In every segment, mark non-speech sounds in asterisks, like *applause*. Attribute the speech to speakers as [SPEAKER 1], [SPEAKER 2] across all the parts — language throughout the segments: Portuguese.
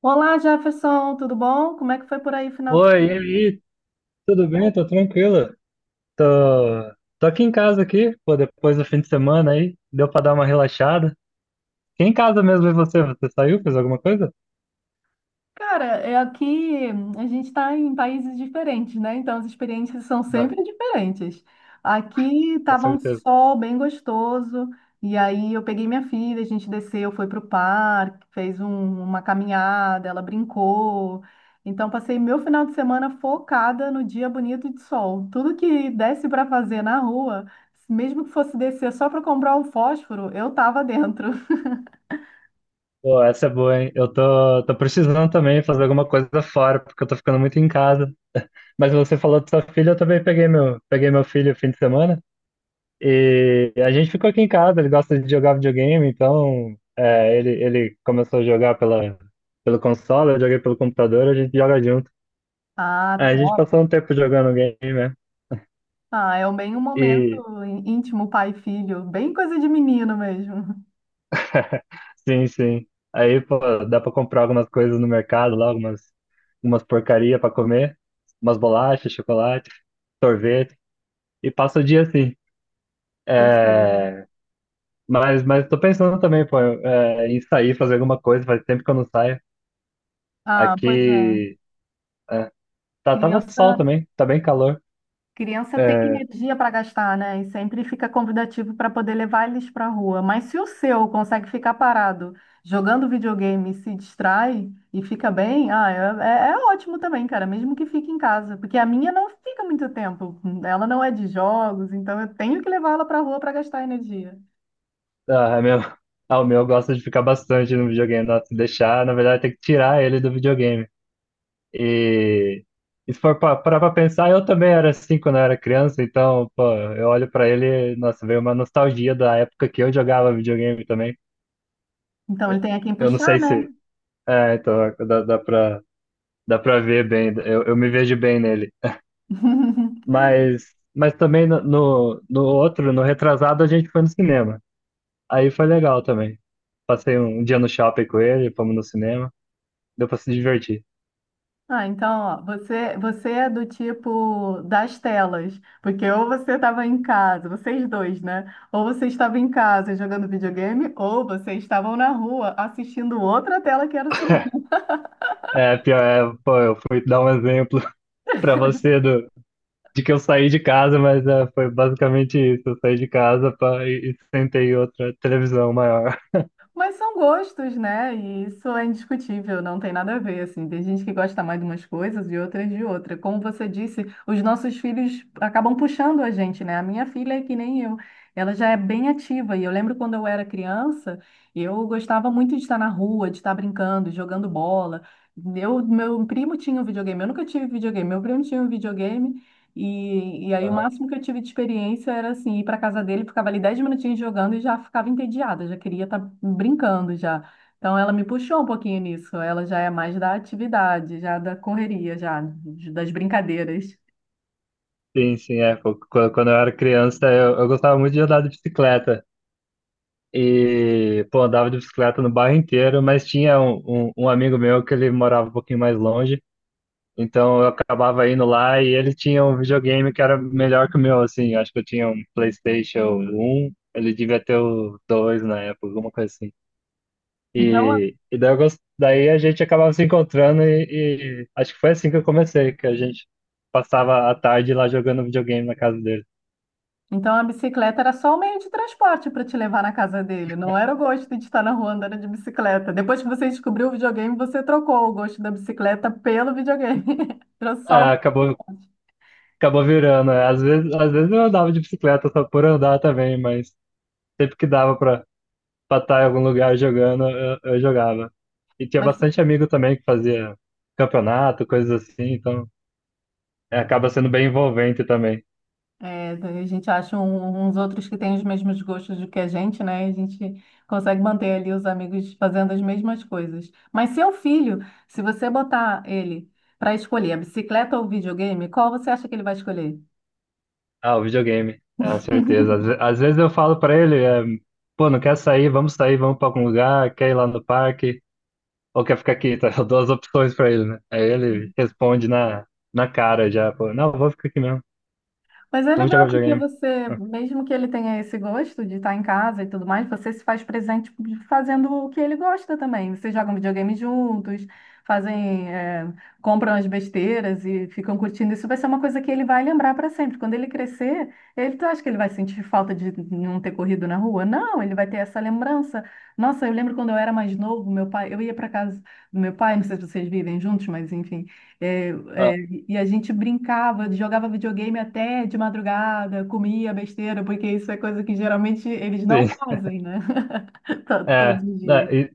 [SPEAKER 1] Olá, Jefferson, tudo bom? Como é que foi por aí final de
[SPEAKER 2] Oi, e
[SPEAKER 1] semana?
[SPEAKER 2] aí, tudo bem? Tô tranquilo. Tô, tô aqui em casa aqui, pô, depois do fim de semana aí, deu pra dar uma relaxada. Fiquei em casa mesmo, e você? Você saiu, fez alguma coisa?
[SPEAKER 1] Cara, é aqui a gente está em países diferentes, né? Então as experiências são
[SPEAKER 2] Ah,
[SPEAKER 1] sempre diferentes. Aqui
[SPEAKER 2] com
[SPEAKER 1] estava um
[SPEAKER 2] certeza.
[SPEAKER 1] sol bem gostoso, e aí eu peguei minha filha, a gente desceu, foi para o parque, fez uma caminhada, ela brincou. Então passei meu final de semana focada no dia bonito de sol. Tudo que desse para fazer na rua, mesmo que fosse descer só para comprar um fósforo, eu estava dentro.
[SPEAKER 2] Pô, essa é boa, hein? Eu tô precisando também fazer alguma coisa fora, porque eu tô ficando muito em casa. Mas você falou de sua filha, eu também peguei meu filho no fim de semana. E a gente ficou aqui em casa, ele gosta de jogar videogame, então ele começou a jogar pelo console, eu joguei pelo computador, a gente joga junto.
[SPEAKER 1] Ah,
[SPEAKER 2] A gente
[SPEAKER 1] top.
[SPEAKER 2] passou um tempo jogando game, né?
[SPEAKER 1] Ah, é bem um momento
[SPEAKER 2] E
[SPEAKER 1] íntimo pai e filho, bem coisa de menino mesmo. *laughs*
[SPEAKER 2] sim, sim. Aí, pô, dá pra comprar algumas coisas no mercado lá, algumas porcaria pra comer, umas bolachas, chocolate, sorvete, e passa o dia assim. É.
[SPEAKER 1] Gostoso.
[SPEAKER 2] Mas tô pensando também, pô, em sair, fazer alguma coisa, faz tempo que eu não saio.
[SPEAKER 1] Ah, pois é.
[SPEAKER 2] Aqui tá, tava
[SPEAKER 1] Criança,
[SPEAKER 2] sol também, tá bem calor.
[SPEAKER 1] criança tem
[SPEAKER 2] É.
[SPEAKER 1] energia para gastar, né? E sempre fica convidativo para poder levar eles para a rua. Mas se o seu consegue ficar parado jogando videogame, e se distrai e fica bem, ah, é ótimo também, cara, mesmo que fique em casa, porque a minha não fica muito tempo. Ela não é de jogos, então eu tenho que levar ela para a rua para gastar energia.
[SPEAKER 2] Ah, é meu, *laughs* ah, o meu gosta de ficar bastante no videogame, nossa, se deixar, na verdade tem que tirar ele do videogame. E, e se for parar pra pensar, eu também era assim quando eu era criança, então, pô, eu olho pra ele, nossa, veio uma nostalgia da época que eu jogava videogame também.
[SPEAKER 1] Então ele tem a quem
[SPEAKER 2] Eu não
[SPEAKER 1] puxar,
[SPEAKER 2] sei
[SPEAKER 1] né?
[SPEAKER 2] se. É, então, dá pra ver bem, eu me vejo bem nele.
[SPEAKER 1] *laughs*
[SPEAKER 2] Mas também no outro, no retrasado, a gente foi no cinema. Aí foi legal também. Passei um dia no shopping com ele, fomos no cinema, deu pra se divertir.
[SPEAKER 1] Ah, então, ó, você é do tipo das telas, porque ou você estava em casa, vocês dois, né? Ou você estava em casa jogando videogame, ou vocês estavam na rua assistindo outra tela que era o cinema.
[SPEAKER 2] É, pior, é, pô, eu fui dar um exemplo *laughs* pra você do de que eu saí de casa, mas é, foi basicamente isso. Eu saí de casa pra e sentei em outra televisão maior.
[SPEAKER 1] Mas são gostos, né? E isso é indiscutível, não tem nada a ver, assim. Tem gente que gosta mais de umas coisas e outras de outra. Como você disse, os nossos filhos acabam puxando a gente, né? A minha filha é que nem eu. Ela já é bem ativa. E eu lembro quando eu era criança, eu gostava muito de estar na rua, de estar brincando, jogando bola. Eu, meu primo tinha um videogame. Eu nunca tive videogame. Meu primo tinha um videogame. E aí o
[SPEAKER 2] Aham.
[SPEAKER 1] máximo que eu tive de experiência era assim, ir para casa dele, ficava ali 10 minutinhos jogando e já ficava entediada, já queria estar brincando já. Então ela me puxou um pouquinho nisso, ela já é mais da atividade, já da correria, já das brincadeiras.
[SPEAKER 2] Sim, sim, é. Pô, quando eu era criança, eu gostava muito de andar de bicicleta. E, pô, andava de bicicleta no bairro inteiro, mas tinha um amigo meu que ele morava um pouquinho mais longe. Então eu acabava indo lá e ele tinha um videogame que era melhor que o meu, assim. Eu Acho que eu tinha um PlayStation um. Ele devia ter o 2 na época, alguma coisa assim.
[SPEAKER 1] Então, a-
[SPEAKER 2] E daí a gente acabava se encontrando e acho que foi assim que eu comecei, que a gente passava a tarde lá jogando videogame na casa dele.
[SPEAKER 1] então a bicicleta era só o meio de transporte para te levar na casa dele, não era o gosto de estar na rua andando de bicicleta. Depois que você descobriu o videogame, você trocou o gosto da bicicleta pelo videogame. *laughs* Trouxe só
[SPEAKER 2] Ah,
[SPEAKER 1] o...
[SPEAKER 2] acabou, acabou virando. É. Às vezes eu andava de bicicleta só por andar também, mas sempre que dava pra estar em algum lugar jogando, eu jogava. E tinha
[SPEAKER 1] Mas
[SPEAKER 2] bastante amigo também que fazia campeonato, coisas assim, então é, acaba sendo bem envolvente também.
[SPEAKER 1] é, a gente acha uns outros que têm os mesmos gostos do que a gente, né? E a gente consegue manter ali os amigos fazendo as mesmas coisas. Mas seu filho, se você botar ele para escolher a bicicleta ou o videogame, qual você acha que ele vai escolher?
[SPEAKER 2] Ah, o videogame, é, certeza.
[SPEAKER 1] *laughs*
[SPEAKER 2] Às vezes eu falo pra ele, é, pô, não quer sair, vamos pra algum lugar, quer ir lá no parque, ou quer ficar aqui, *laughs* tá? Eu dou as opções pra ele, né? Aí ele responde na cara já, pô, não, vou ficar aqui mesmo,
[SPEAKER 1] Mas é
[SPEAKER 2] vamos
[SPEAKER 1] legal
[SPEAKER 2] jogar
[SPEAKER 1] porque
[SPEAKER 2] videogame.
[SPEAKER 1] você, mesmo que ele tenha esse gosto de estar em casa e tudo mais, você se faz presente fazendo o que ele gosta também. Vocês jogam videogame juntos, fazem, é, compram as besteiras e ficam curtindo. Isso vai ser uma coisa que ele vai lembrar para sempre. Quando ele crescer, ele tu acha que ele vai sentir falta de não ter corrido na rua? Não, ele vai ter essa lembrança. Nossa, eu lembro quando eu era mais novo, meu pai, eu ia para casa do meu pai, não sei se vocês vivem juntos, mas enfim. É,
[SPEAKER 2] Ah,
[SPEAKER 1] é, e a gente brincava, jogava videogame até de madrugada, comia besteira, porque isso é coisa que geralmente eles não
[SPEAKER 2] sim,
[SPEAKER 1] fazem, né? *laughs*
[SPEAKER 2] é,
[SPEAKER 1] Todos os dias.
[SPEAKER 2] é, e-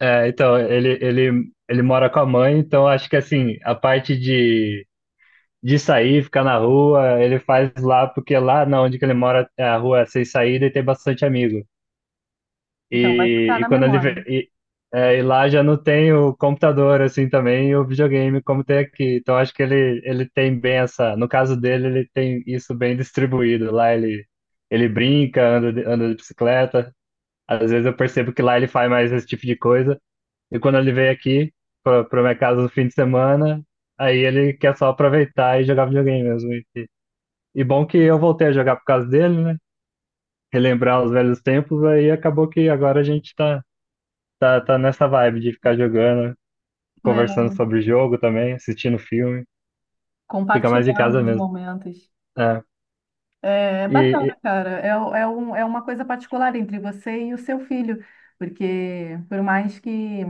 [SPEAKER 2] então, ele mora com a mãe, então acho que assim, a parte de sair, ficar na rua, ele faz lá, porque lá na onde que ele mora, é, a rua é sem saída e tem bastante amigo.
[SPEAKER 1] Então, vai ficar
[SPEAKER 2] E
[SPEAKER 1] na
[SPEAKER 2] quando ele vê,
[SPEAKER 1] memória,
[SPEAKER 2] e, é, e lá já não tem o computador assim também e o videogame como tem aqui. Então acho que ele tem bem essa, no caso dele, ele tem isso bem distribuído. Lá ele brinca, anda de bicicleta. Às vezes eu percebo que lá ele faz mais esse tipo de coisa. E quando ele vem aqui para minha casa no fim de semana, aí ele quer só aproveitar e jogar videogame mesmo. E bom que eu voltei a jogar por causa dele, né? Relembrar os velhos tempos, aí acabou que agora a gente tá nessa vibe de ficar jogando,
[SPEAKER 1] né?
[SPEAKER 2] conversando sobre o jogo também, assistindo filme. Fica mais em
[SPEAKER 1] Compartilhando
[SPEAKER 2] casa
[SPEAKER 1] os
[SPEAKER 2] mesmo.
[SPEAKER 1] momentos.
[SPEAKER 2] É.
[SPEAKER 1] É
[SPEAKER 2] E,
[SPEAKER 1] bacana,
[SPEAKER 2] e-
[SPEAKER 1] cara. É uma coisa particular entre você e o seu filho, porque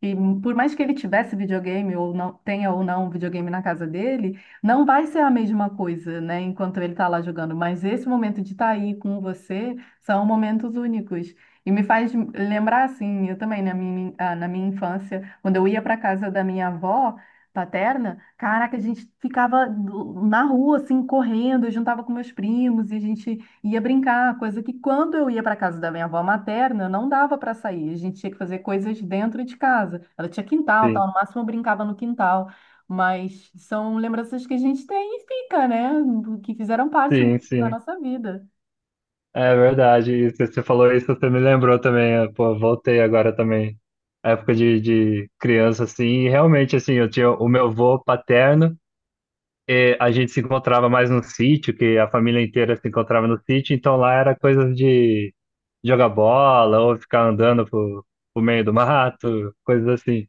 [SPEAKER 1] que- por mais que ele tivesse videogame ou não tenha ou não videogame na casa dele, não vai ser a mesma coisa, né? Enquanto ele está lá jogando. Mas esse momento de estar aí com você são momentos únicos. E me faz lembrar assim, eu também na minha, ah, na minha infância, quando eu ia para casa da minha avó paterna, caraca, a gente ficava na rua, assim, correndo, eu juntava com meus primos e a gente ia brincar, coisa que quando eu ia para casa da minha avó materna, não dava para sair, a gente tinha que fazer coisas dentro de casa. Ela tinha quintal,
[SPEAKER 2] sim,
[SPEAKER 1] tal, no máximo eu brincava no quintal, mas são lembranças que a gente tem e fica, né, que fizeram parte
[SPEAKER 2] sim,
[SPEAKER 1] da
[SPEAKER 2] sim.
[SPEAKER 1] nossa vida.
[SPEAKER 2] É verdade. E você falou isso, você me lembrou também. É, pô, voltei agora também. A época de criança, assim. E realmente, assim, eu tinha o meu avô paterno. E a gente se encontrava mais no sítio, que a família inteira se encontrava no sítio. Então lá era coisa de jogar bola ou ficar andando pro meio do mato, coisas assim.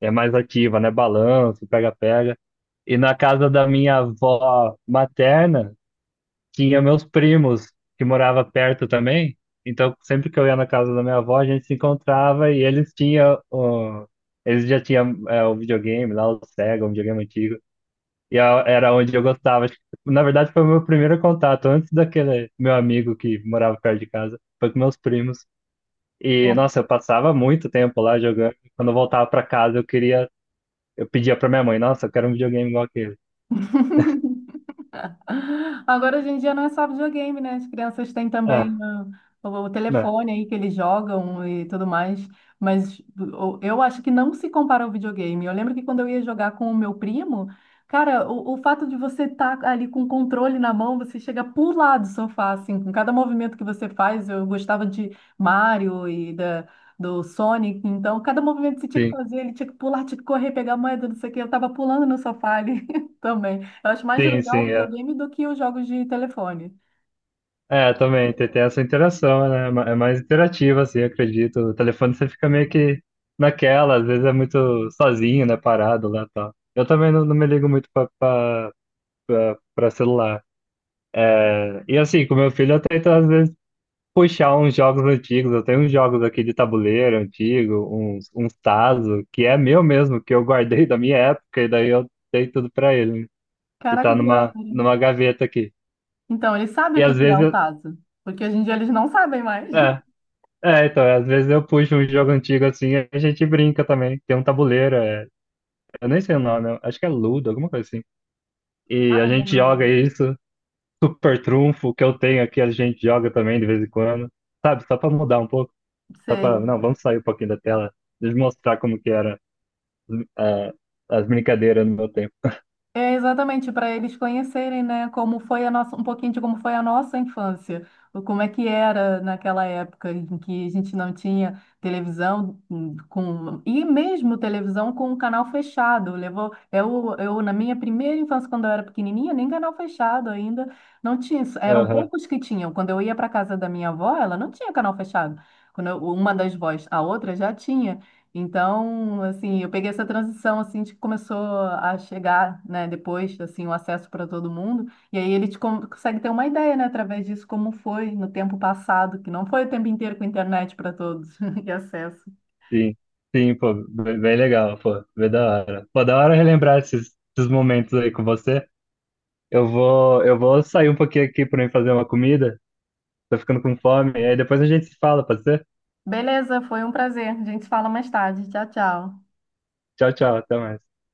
[SPEAKER 2] É mais ativa, né? Balanço, pega-pega. E na casa da minha avó materna, tinha meus primos, que morava perto também. Então, sempre que eu ia na casa da minha avó, a gente se encontrava e eles tinham. O... Eles já tinham é, o videogame lá, o Sega, um videogame antigo. Era onde eu gostava. Acho que, na verdade, foi o meu primeiro contato, antes daquele meu amigo que morava perto de casa. Foi com meus primos. E, nossa, eu passava muito tempo lá jogando. Quando eu voltava para casa, eu pedia pra minha mãe, nossa, eu quero um videogame igual aquele.
[SPEAKER 1] Agora, hoje em dia, não é só videogame, né? As crianças têm
[SPEAKER 2] É,
[SPEAKER 1] também ah, o
[SPEAKER 2] né?
[SPEAKER 1] telefone aí que eles jogam e tudo mais. Mas eu acho que não se compara ao videogame. Eu lembro que quando eu ia jogar com o meu primo, cara, o fato de você estar ali com o controle na mão, você chega a pular do sofá, assim, com cada movimento que você faz. Eu gostava de Mario e da. Do Sonic, então cada movimento que você tinha que
[SPEAKER 2] Sim,
[SPEAKER 1] fazer, ele tinha que pular, tinha que correr, pegar a moeda, não sei o que. Eu tava pulando no sofá ali *laughs* também. Eu acho mais
[SPEAKER 2] sim,
[SPEAKER 1] legal o
[SPEAKER 2] sim, é.
[SPEAKER 1] videogame do que os jogos de telefone.
[SPEAKER 2] É, também, tem essa interação, né? É mais interativa, assim, eu acredito. O telefone você fica meio que naquela, às vezes é muito sozinho, né? Parado lá e tal. Eu também não, não me ligo muito pra celular. É. E assim, com meu filho eu tento às vezes puxar uns jogos antigos. Eu tenho uns jogos aqui de tabuleiro antigo, uns Tazo, que é meu mesmo, que eu guardei *laughs* da minha época, e daí eu dei tudo pra ele. E tá
[SPEAKER 1] Caraca, que maneiro.
[SPEAKER 2] numa gaveta aqui.
[SPEAKER 1] Então, eles sabem
[SPEAKER 2] E
[SPEAKER 1] o que
[SPEAKER 2] às
[SPEAKER 1] que é
[SPEAKER 2] vezes
[SPEAKER 1] um
[SPEAKER 2] eu.
[SPEAKER 1] tazo. Porque hoje em dia eles não sabem mais.
[SPEAKER 2] É, é, então, às vezes eu puxo um jogo antigo assim e a gente brinca também. Tem um tabuleiro, é, eu nem sei o nome, eu acho que é Ludo, alguma coisa assim. E a
[SPEAKER 1] *laughs*
[SPEAKER 2] gente
[SPEAKER 1] Lembra o
[SPEAKER 2] joga
[SPEAKER 1] mundo.
[SPEAKER 2] isso, Super Trunfo, que eu tenho aqui, a gente joga também de vez em quando. Sabe, só pra mudar um pouco, só pra.
[SPEAKER 1] Sei.
[SPEAKER 2] Não, vamos sair um pouquinho da tela, deixa eu mostrar como que era é, as brincadeiras no meu tempo.
[SPEAKER 1] É exatamente para eles conhecerem, né, como foi a nossa, um pouquinho de como foi a nossa infância, ou como é que era naquela época em que a gente não tinha televisão com e mesmo televisão com um canal fechado. Levou eu na minha primeira infância quando eu era pequenininha, nem canal fechado ainda não tinha. Isso. Eram
[SPEAKER 2] Aham,
[SPEAKER 1] poucos que tinham. Quando eu ia para casa da minha avó, ela não tinha canal fechado. Quando uma das vós, a outra já tinha. Então, assim, eu peguei essa transição assim de que começou a chegar, né, depois, assim, o acesso para todo mundo, e aí ele te consegue ter uma ideia, né, através disso como foi no tempo passado, que não foi o tempo inteiro com internet para todos *laughs* e acesso.
[SPEAKER 2] sim. Sim, pô, bem bem legal, pô, bem da hora. Pô, da hora relembrar esses momentos aí com você. Eu vou sair um pouquinho aqui pra mim fazer uma comida. Tô ficando com fome. E aí depois a gente se fala, pode ser?
[SPEAKER 1] Beleza, foi um prazer. A gente se fala mais tarde. Tchau, tchau.
[SPEAKER 2] Tchau, tchau. Até mais.